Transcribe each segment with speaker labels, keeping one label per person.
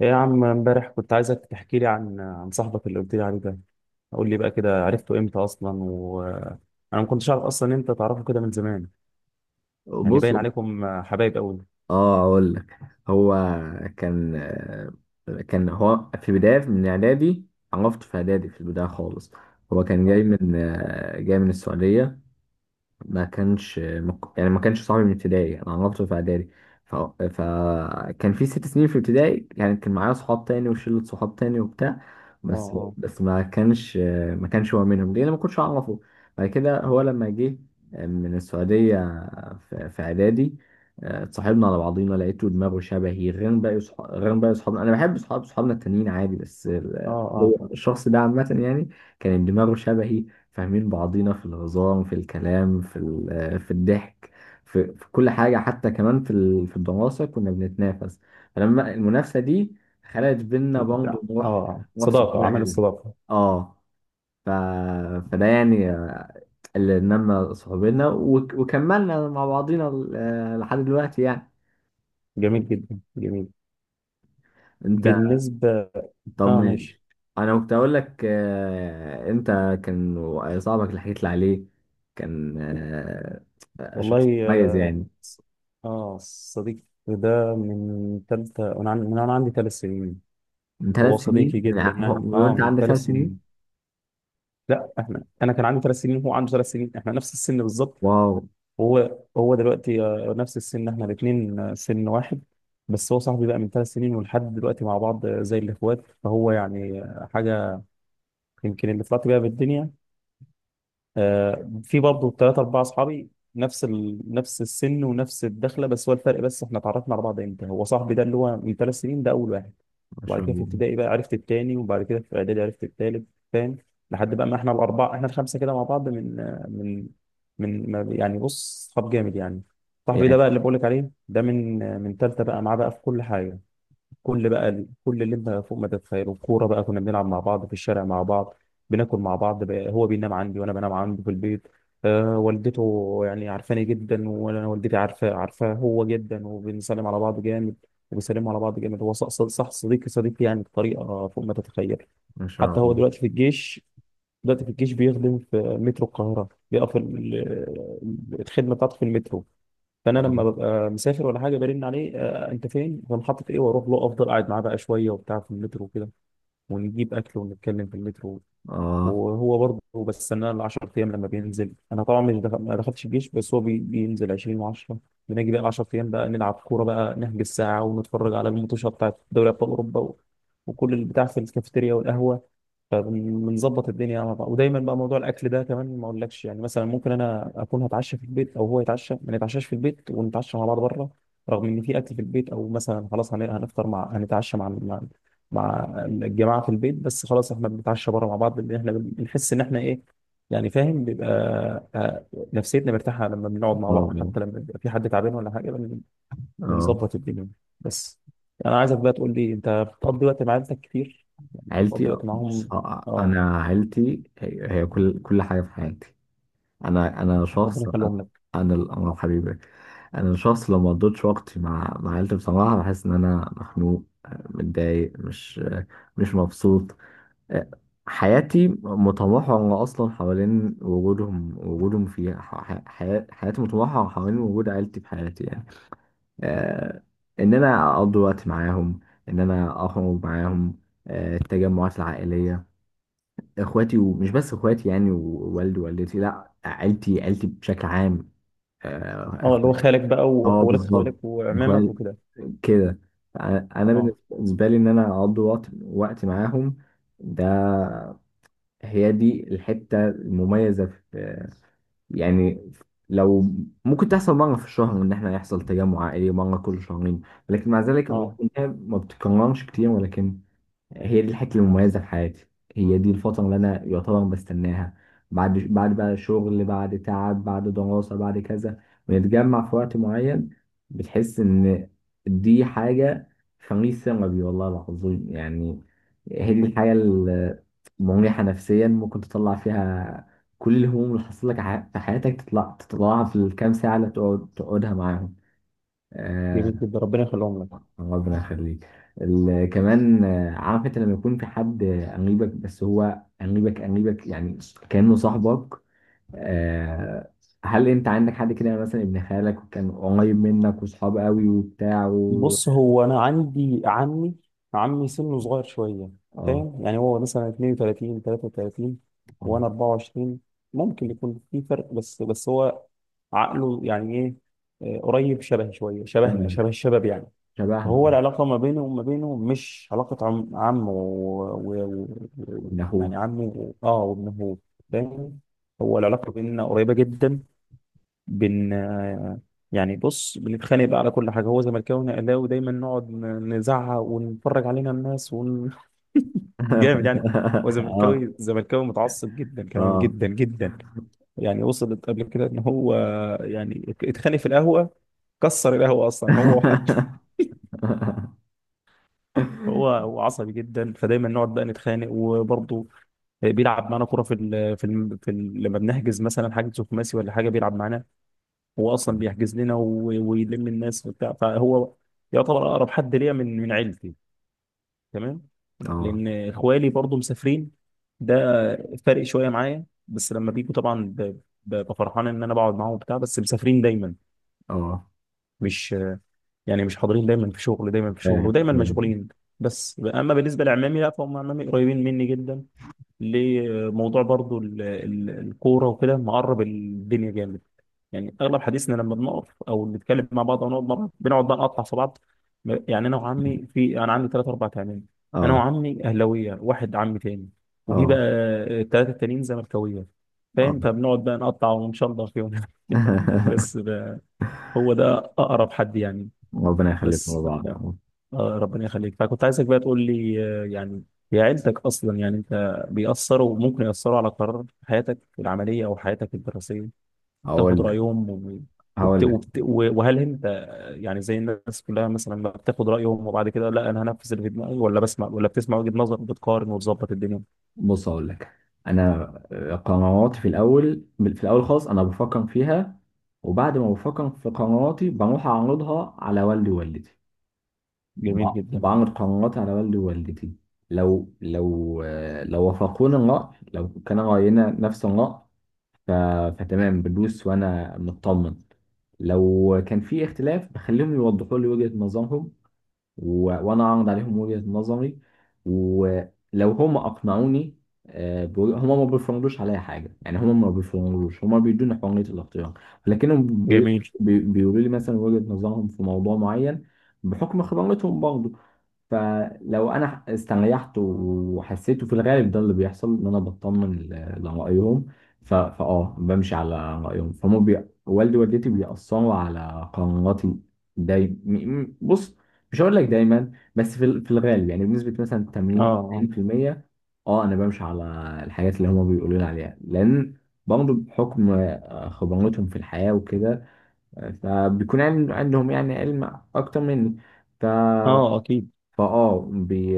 Speaker 1: ايه يا عم، امبارح كنت عايزك تحكي لي عن صاحبك اللي قلت لي عليه ده. قول لي بقى كده، عرفته امتى اصلا؟ وانا ما كنتش اعرف اصلا إن انت تعرفه كده من زمان، يعني
Speaker 2: بص.
Speaker 1: باين عليكم حبايب قوي.
Speaker 2: اه اقول لك، هو كان كان هو في بدايه من اعدادي. عرفته في اعدادي في البدايه خالص. هو كان جاي
Speaker 1: اه
Speaker 2: من السعوديه. ما كانش مك... يعني ما كانش صاحبي من ابتدائي، انا عرفته في اعدادي. ف... فكان في 6 سنين في ابتدائي، يعني كان معايا صحاب تاني وشلة صحاب تاني وبتاع.
Speaker 1: اه
Speaker 2: بس
Speaker 1: اه
Speaker 2: بس ما كانش هو منهم، ليه؟ انا ما كنتش اعرفه. بعد كده هو لما جه من السعودية في اعدادي، اتصاحبنا على بعضينا. لقيته دماغه شبهي غير باقي صحابنا. انا بحب صحابنا التانيين عادي، بس
Speaker 1: اه
Speaker 2: هو الشخص ده عامة يعني كان دماغه شبهي. فاهمين بعضينا في الهزار، في الكلام، في الضحك، في كل حاجة، حتى كمان في الدراسة كنا بنتنافس. فلما المنافسة دي خلقت بينا برضه
Speaker 1: اه اه
Speaker 2: روح
Speaker 1: آه.
Speaker 2: روح
Speaker 1: صداقة
Speaker 2: صحوبية
Speaker 1: عمل
Speaker 2: حلوة.
Speaker 1: الصداقة.
Speaker 2: اه. ف... فده يعني اللي نمى صحوبينا، وكملنا مع بعضينا لحد دلوقتي يعني.
Speaker 1: جميل جدا، جميل.
Speaker 2: انت
Speaker 1: بالنسبة.
Speaker 2: طب،
Speaker 1: اه ماشي.
Speaker 2: ماشي. انا كنت اقول لك، انت كان صاحبك اللي حكيت لي عليه كان آه، شخص
Speaker 1: والله
Speaker 2: كويس
Speaker 1: اه،
Speaker 2: يعني.
Speaker 1: آه، صديق ده من تالتة، وانا من انا عندي ثلاث سنين.
Speaker 2: من
Speaker 1: هو
Speaker 2: 3 سنين؟
Speaker 1: صديقي جدا
Speaker 2: يعني
Speaker 1: يعني، اه
Speaker 2: وانت
Speaker 1: من
Speaker 2: عندك
Speaker 1: ثلاث
Speaker 2: 3 سنين؟
Speaker 1: سنين. لا احنا انا كان عندي ثلاث سنين وهو عنده ثلاث سنين، احنا نفس السن بالظبط.
Speaker 2: واو.
Speaker 1: وهو هو دلوقتي آه، نفس السن، احنا الاثنين آه، سن واحد. بس هو صاحبي بقى من ثلاث سنين ولحد دلوقتي مع بعض، آه، زي الاخوات. فهو يعني آه، حاجه يمكن اللي طلعت بيها بالدنيا. آه، في برضه ثلاثة أربعة أصحابي، نفس نفس السن ونفس الدخلة. بس هو الفرق، بس إحنا اتعرفنا على بعض إمتى؟ هو صاحبي ده اللي هو من ثلاث سنين ده أول واحد،
Speaker 2: ما
Speaker 1: وبعد
Speaker 2: شاء
Speaker 1: كده في
Speaker 2: الله،
Speaker 1: ابتدائي بقى عرفت التاني، وبعد كده في إعدادي عرفت التالت، فاهم؟ لحد بقى ما إحنا الأربعة، إحنا الخمسة كده مع بعض من آه، من يعني بص، صحاب جامد يعني. صاحبي ده
Speaker 2: يعني
Speaker 1: بقى اللي بقولك عليه ده من آه، من تالتة، بقى معاه بقى في كل حاجة. كل بقى كل اللي انت فوق ما تتخيله، كوره بقى، كنا بنلعب مع بعض في الشارع مع بعض، بناكل مع بعض بقى، هو بينام عندي وانا بنام عنده في البيت. آه والدته يعني عارفاني جدا، وانا والدتي عارفاه هو جدا، وبنسلم على بعض جامد، وبيسلموا على بعض جامد. هو صح صديقي يعني بطريقه فوق ما تتخيل.
Speaker 2: ما شاء
Speaker 1: حتى هو
Speaker 2: الله.
Speaker 1: دلوقتي في الجيش، دلوقتي في الجيش بيخدم في مترو القاهره، بيقف الخدمه بتاعته في المترو. فانا لما
Speaker 2: اه
Speaker 1: ببقى مسافر ولا حاجه، برن عليه: آه انت فين، في محطه ايه؟ واروح له، افضل قاعد معاه بقى شويه وبتاع في المترو وكده، ونجيب اكل ونتكلم في المترو.
Speaker 2: اه.
Speaker 1: وهو برضه بستناه ال 10 ايام لما بينزل. انا طبعا مش دخل... ما دخلتش الجيش، بس هو بينزل 20 و10. بنيجي بقى ال 10 ايام بقى نلعب كوره بقى، نحجز ساعه ونتفرج على الماتشات بتاعت دوري ابطال اوروبا و... وكل البتاع في الكافيتيريا والقهوه. فبنظبط الدنيا مع بعض. ودايما بقى موضوع الاكل ده كمان ما اقولكش، يعني مثلا ممكن انا اكون هتعشى في البيت او هو يتعشى، ما نتعشاش في البيت، ونتعشى مع بعض بره، رغم ان في اكل في البيت. او مثلا خلاص هنفطر مع، هنتعشى مع مع الجماعه في البيت، بس خلاص احنا بنتعشى بره مع بعض، لان احنا بنحس ان احنا ايه، يعني فاهم، بيبقى آه، نفسيتنا مرتاحه لما بنقعد مع بعض.
Speaker 2: اه
Speaker 1: حتى لما بيبقى في حد تعبان ولا حاجه،
Speaker 2: اه.
Speaker 1: بنظبط الدنيا. بس انا عايزك بقى تقول لي، انت بتقضي وقت مع عيلتك كتير؟ يعني انت
Speaker 2: عيلتي.
Speaker 1: بتقضي وقت
Speaker 2: بص،
Speaker 1: معاهم؟ اه.
Speaker 2: انا عيلتي هي كل حاجه في حياتي. انا شخص.
Speaker 1: ربنا يخليهم لك.
Speaker 2: انا الامر حبيبي. انا شخص لو ما قضيتش وقتي مع عيلتي بصراحه بحس ان انا مخنوق، متضايق، مش مبسوط. حياتي متمحورة أصلا حوالين وجودهم. وجودهم في حياتي متمحورة حوالين وجود عيلتي في حياتي يعني. آه إن أنا أقضي وقت معاهم، إن أنا أخرج معاهم، التجمعات العائلية، إخواتي، ومش بس إخواتي يعني، ووالدي ووالدتي. لأ، عيلتي، عيلتي بشكل عام، آه،
Speaker 1: اه، اللي هو
Speaker 2: إخوة.
Speaker 1: خالك بقى
Speaker 2: أه،
Speaker 1: واخوالك،
Speaker 2: بالظبط،
Speaker 1: خوالك وعمامك
Speaker 2: إخوات
Speaker 1: وكده.
Speaker 2: كده. أنا
Speaker 1: اه،
Speaker 2: بالنسبة لي إن أنا أقضي وقت معاهم، ده هي دي الحتة المميزة في، يعني لو ممكن تحصل مرة في الشهر، إن إحنا يحصل تجمع عائلي مرة كل شهرين. لكن مع ذلك الأمور
Speaker 1: اه.
Speaker 2: كلها ما بتتكررش كتير، ولكن هي دي الحته المميزه في حياتي، هي دي الفتره اللي انا يعتبر بستناها بعد بقى شغل، بعد تعب، بعد دراسه، بعد كذا. بنتجمع في وقت معين، بتحس ان دي حاجه خميس ربي والله العظيم يعني. هي دي الحاجه المريحه نفسيا ممكن تطلع فيها كل الهموم اللي حصلت لك في حياتك، تطلعها في الكام ساعه اللي تقعد تقعدها معاهم.
Speaker 1: جميل
Speaker 2: آه،
Speaker 1: جدا، ربنا يخليهم لك.
Speaker 2: ربنا يخليك. كمان، عارف انت لما يكون في حد قريبك، بس هو قريبك يعني كأنه صاحبك. آه، هل انت عندك حد كده مثلا ابن خالك وكان قريب منك وصحاب قوي وبتاع و...؟
Speaker 1: بص، هو انا عندي عمي، عمي سنه صغير شويه،
Speaker 2: اه
Speaker 1: فاهم يعني، هو مثلا 32 33
Speaker 2: اه.
Speaker 1: وانا 24. ممكن يكون في فرق، بس بس هو عقله يعني ايه، آه، قريب شبه شويه، شبهنا،
Speaker 2: شبهك.
Speaker 1: شبه الشباب يعني.
Speaker 2: شبهنا
Speaker 1: هو
Speaker 2: اه.
Speaker 1: العلاقة ما بيني وما بينه مش علاقة عم عم و... و... و...
Speaker 2: ابن
Speaker 1: يعني
Speaker 2: اخوه.
Speaker 1: عمي و... اه وابنه، فاهم؟ هو العلاقة بيننا قريبة جدا. بن يعني بص، بنتخانق بقى على كل حاجة، هو زملكاوي وانا اهلاوي، دايما نقعد نزعق ونتفرج علينا الناس ون... جامد يعني. هو
Speaker 2: اه
Speaker 1: زملكاوي متعصب جدا، كمان
Speaker 2: اه.
Speaker 1: جدا جدا. يعني وصلت قبل كده ان هو يعني اتخانق في القهوة، كسر القهوة اصلا هو وحد. هو عصبي جدا، فدايما نقعد بقى نتخانق. وبرضه بيلعب معانا كوره في ال لما بنحجز مثلا حاجه خماسي ولا حاجه بيلعب معانا. هو اصلا بيحجز لنا ويلم الناس وبتاع، فهو يعتبر اقرب حد ليا من عيلتي، تمام.
Speaker 2: اه
Speaker 1: لان اخوالي برضه مسافرين، ده فارق شويه معايا، بس لما بيجوا طبعا ببقى فرحان ان انا بقعد معاهم وبتاع، بس مسافرين دايما،
Speaker 2: اه،
Speaker 1: مش يعني مش حاضرين دايما، في شغل دايما، في شغل
Speaker 2: فاهم،
Speaker 1: ودايما
Speaker 2: فاهم.
Speaker 1: مشغولين. بس اما بالنسبه لعمامي لا، فهم عمامي قريبين مني جدا، لموضوع برضو الكورة وكده، مقرب الدنيا جامد. يعني أغلب حديثنا لما بنقف أو نتكلم مع بعض أو نقعد مع بعض، بنقعد بقى نقطع في بعض. يعني أنا وعمي، في أنا عندي ثلاث أربع تعمام، أنا
Speaker 2: اه
Speaker 1: وعمي أهلاوية، واحد عمي تاني وفي بقى
Speaker 2: اه
Speaker 1: الثلاثة التانيين زملكاوية،
Speaker 2: اه.
Speaker 1: فاهم؟ فبنقعد بقى نقطع ونشلر فيهم. بس ده هو ده أقرب حد يعني.
Speaker 2: ربنا يخليكم
Speaker 1: بس
Speaker 2: لبعض يا رب.
Speaker 1: آه، ربنا يخليك. فكنت عايزك بقى تقول لي آه، يعني هي عيلتك اصلا، يعني انت بيأثروا، ممكن يأثروا على قرار حياتك العملية او حياتك الدراسية؟ بتاخد
Speaker 2: هقول لك
Speaker 1: رأيهم و-
Speaker 2: هقول لك
Speaker 1: وهل انت آه، يعني زي الناس كلها مثلا ما بتاخد رأيهم، وبعد كده لا انا هنفذ اللي في دماغي، ولا بسمع، ولا بتسمع وجهة نظر وبتقارن وتظبط الدنيا؟
Speaker 2: بص، هقول لك. انا قراراتي في الاول خالص انا بفكر فيها، وبعد ما بفكر في قراراتي بروح اعرضها على والدي ووالدتي. ب-
Speaker 1: جميل جدا،
Speaker 2: بعرض قراراتي على والدي ووالدتي. لو لو لو وافقوني الرأي، لو كان رأينا نفس الرأي، ف- فتمام بدوس وانا مطمن. لو كان في اختلاف بخليهم يوضحوا لي وجهة نظرهم، وانا اعرض عليهم وجهة نظري، ولو هم اقنعوني. هما ما بيفرضوش عليا حاجه، يعني هما ما بيفرضوش، هما بيدوني حريه الاختيار. لكنهم بي...
Speaker 1: جميل.
Speaker 2: بي... بيقولوا لي مثلا وجهة نظرهم في موضوع معين بحكم خبرتهم برضه. فلو انا استريحت وحسيته، في الغالب ده اللي بيحصل ان انا بطمن لرايهم. ف... فاه بمشي على رايهم. فهم والدي ووالدتي بيأثروا على قراراتي دايما. بص، مش هقول لك دايما، بس في الغالب، يعني بنسبه مثلا
Speaker 1: اه
Speaker 2: 80
Speaker 1: اه.
Speaker 2: 90%. اه انا بمشي على الحاجات اللي هم بيقولوا لي عليها، لان برضه بحكم خبرتهم في الحياه وكده، آه، فبيكون عندهم يعني علم اكتر مني. ف
Speaker 1: اه اكيد.
Speaker 2: فاه بي...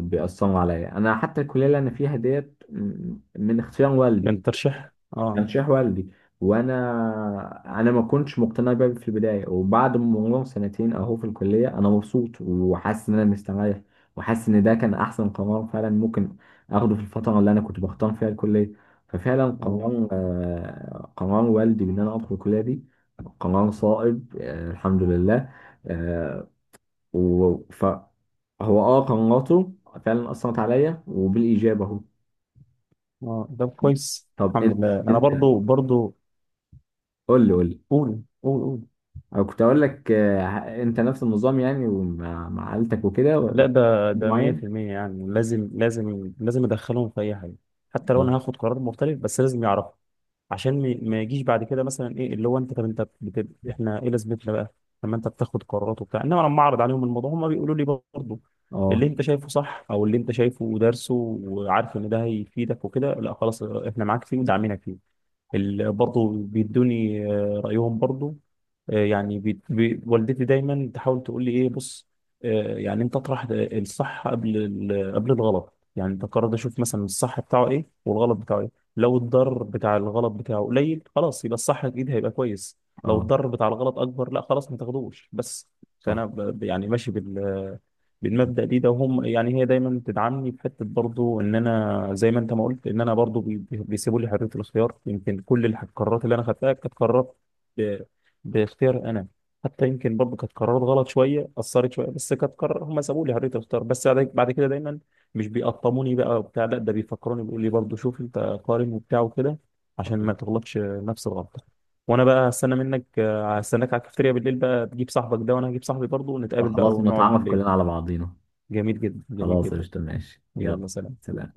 Speaker 2: بيأثروا عليا. انا حتى الكليه اللي انا فيها ديت من اختيار والدي،
Speaker 1: كان ترشيح. اه
Speaker 2: ترشيح والدي. وانا انا ما كنتش مقتنع بيها في البدايه، وبعد ما مرور سنتين اهو في الكليه انا مبسوط وحاسس ان انا مستريح، وحاسس ان ده كان احسن قرار فعلا ممكن اخده في الفتره اللي انا كنت بختار فيها الكليه. ففعلا
Speaker 1: اه.
Speaker 2: قرار، آه، قرار والدي بان انا ادخل الكليه دي قرار صائب، آه، الحمد لله. آه، و... ف هو قناته فعلا اثرت عليا وبالايجاب اهو.
Speaker 1: اه، ده كويس،
Speaker 2: طب
Speaker 1: الحمد
Speaker 2: انت
Speaker 1: لله. انا
Speaker 2: انت
Speaker 1: برضو برضو.
Speaker 2: قول لي قول لي.
Speaker 1: قول قول قول.
Speaker 2: انا كنت اقول لك انت نفس النظام يعني ومع مع عيلتك وكده و-
Speaker 1: لا ده ده
Speaker 2: معين.
Speaker 1: 100% يعني لازم لازم لازم ادخلهم في اي حاجه. حتى لو
Speaker 2: اه
Speaker 1: انا هاخد قرار مختلف، بس لازم يعرفوا، عشان ما يجيش بعد كده مثلا ايه اللي هو انت، طب انت احنا ايه لازمتنا بقى لما انت بتاخد قرارات وبتاع؟ انما لما اعرض عليهم الموضوع، هم بيقولوا لي برضه اللي
Speaker 2: اه
Speaker 1: انت شايفه صح او اللي انت شايفه ودارسه وعارف ان ده هيفيدك وكده، لا خلاص احنا معاك فيه وداعمينك فيه. برضو بيدوني آه، رأيهم برضو. آه، يعني بي والدتي دايما تحاول تقول لي ايه، بص آه، يعني انت اطرح الصح قبل الغلط، يعني انت قرر، اشوف مثلا الصح بتاعه ايه والغلط بتاعه ايه. لو الضرر بتاع الغلط بتاعه قليل، خلاص يبقى الصح اكيد هيبقى كويس. لو
Speaker 2: آه،
Speaker 1: الضرر بتاع الغلط اكبر، لا خلاص ما تاخدوش، بس.
Speaker 2: صح.
Speaker 1: فانا يعني ماشي بال بالمبدأ دي. ده هم يعني هي دايما بتدعمني في حتة برضو ان انا، زي ما انت ما قلت، ان انا برضو بيسيبوا لي حرية الخيار. يمكن كل القرارات اللي انا خدتها كانت قرارات ب- باختيار انا. حتى يمكن برضو كانت قرارات غلط شوية، اثرت شوية، بس كانت قرار هم سابوا لي حرية الخيار. بس بعد بعد كده دايما مش بيقطموني بقى وبتاع، لا ده بيفكروني، بيقول لي برضو شوف انت قارن وبتاع وكده، عشان ما تغلطش نفس الغلطة. وانا بقى هستنى منك، هستناك على الكافتيريا بالليل بقى، تجيب صاحبك ده وانا هجيب صاحبي برضه،
Speaker 2: آه،
Speaker 1: ونتقابل بقى
Speaker 2: خلاص
Speaker 1: ونقعد
Speaker 2: نتعرف
Speaker 1: بالليل.
Speaker 2: كلنا على بعضينا.
Speaker 1: جميل جدا، جميل
Speaker 2: خلاص،
Speaker 1: جدا.
Speaker 2: قشطة، ماشي، يلا.
Speaker 1: يلا سلام.
Speaker 2: سلام.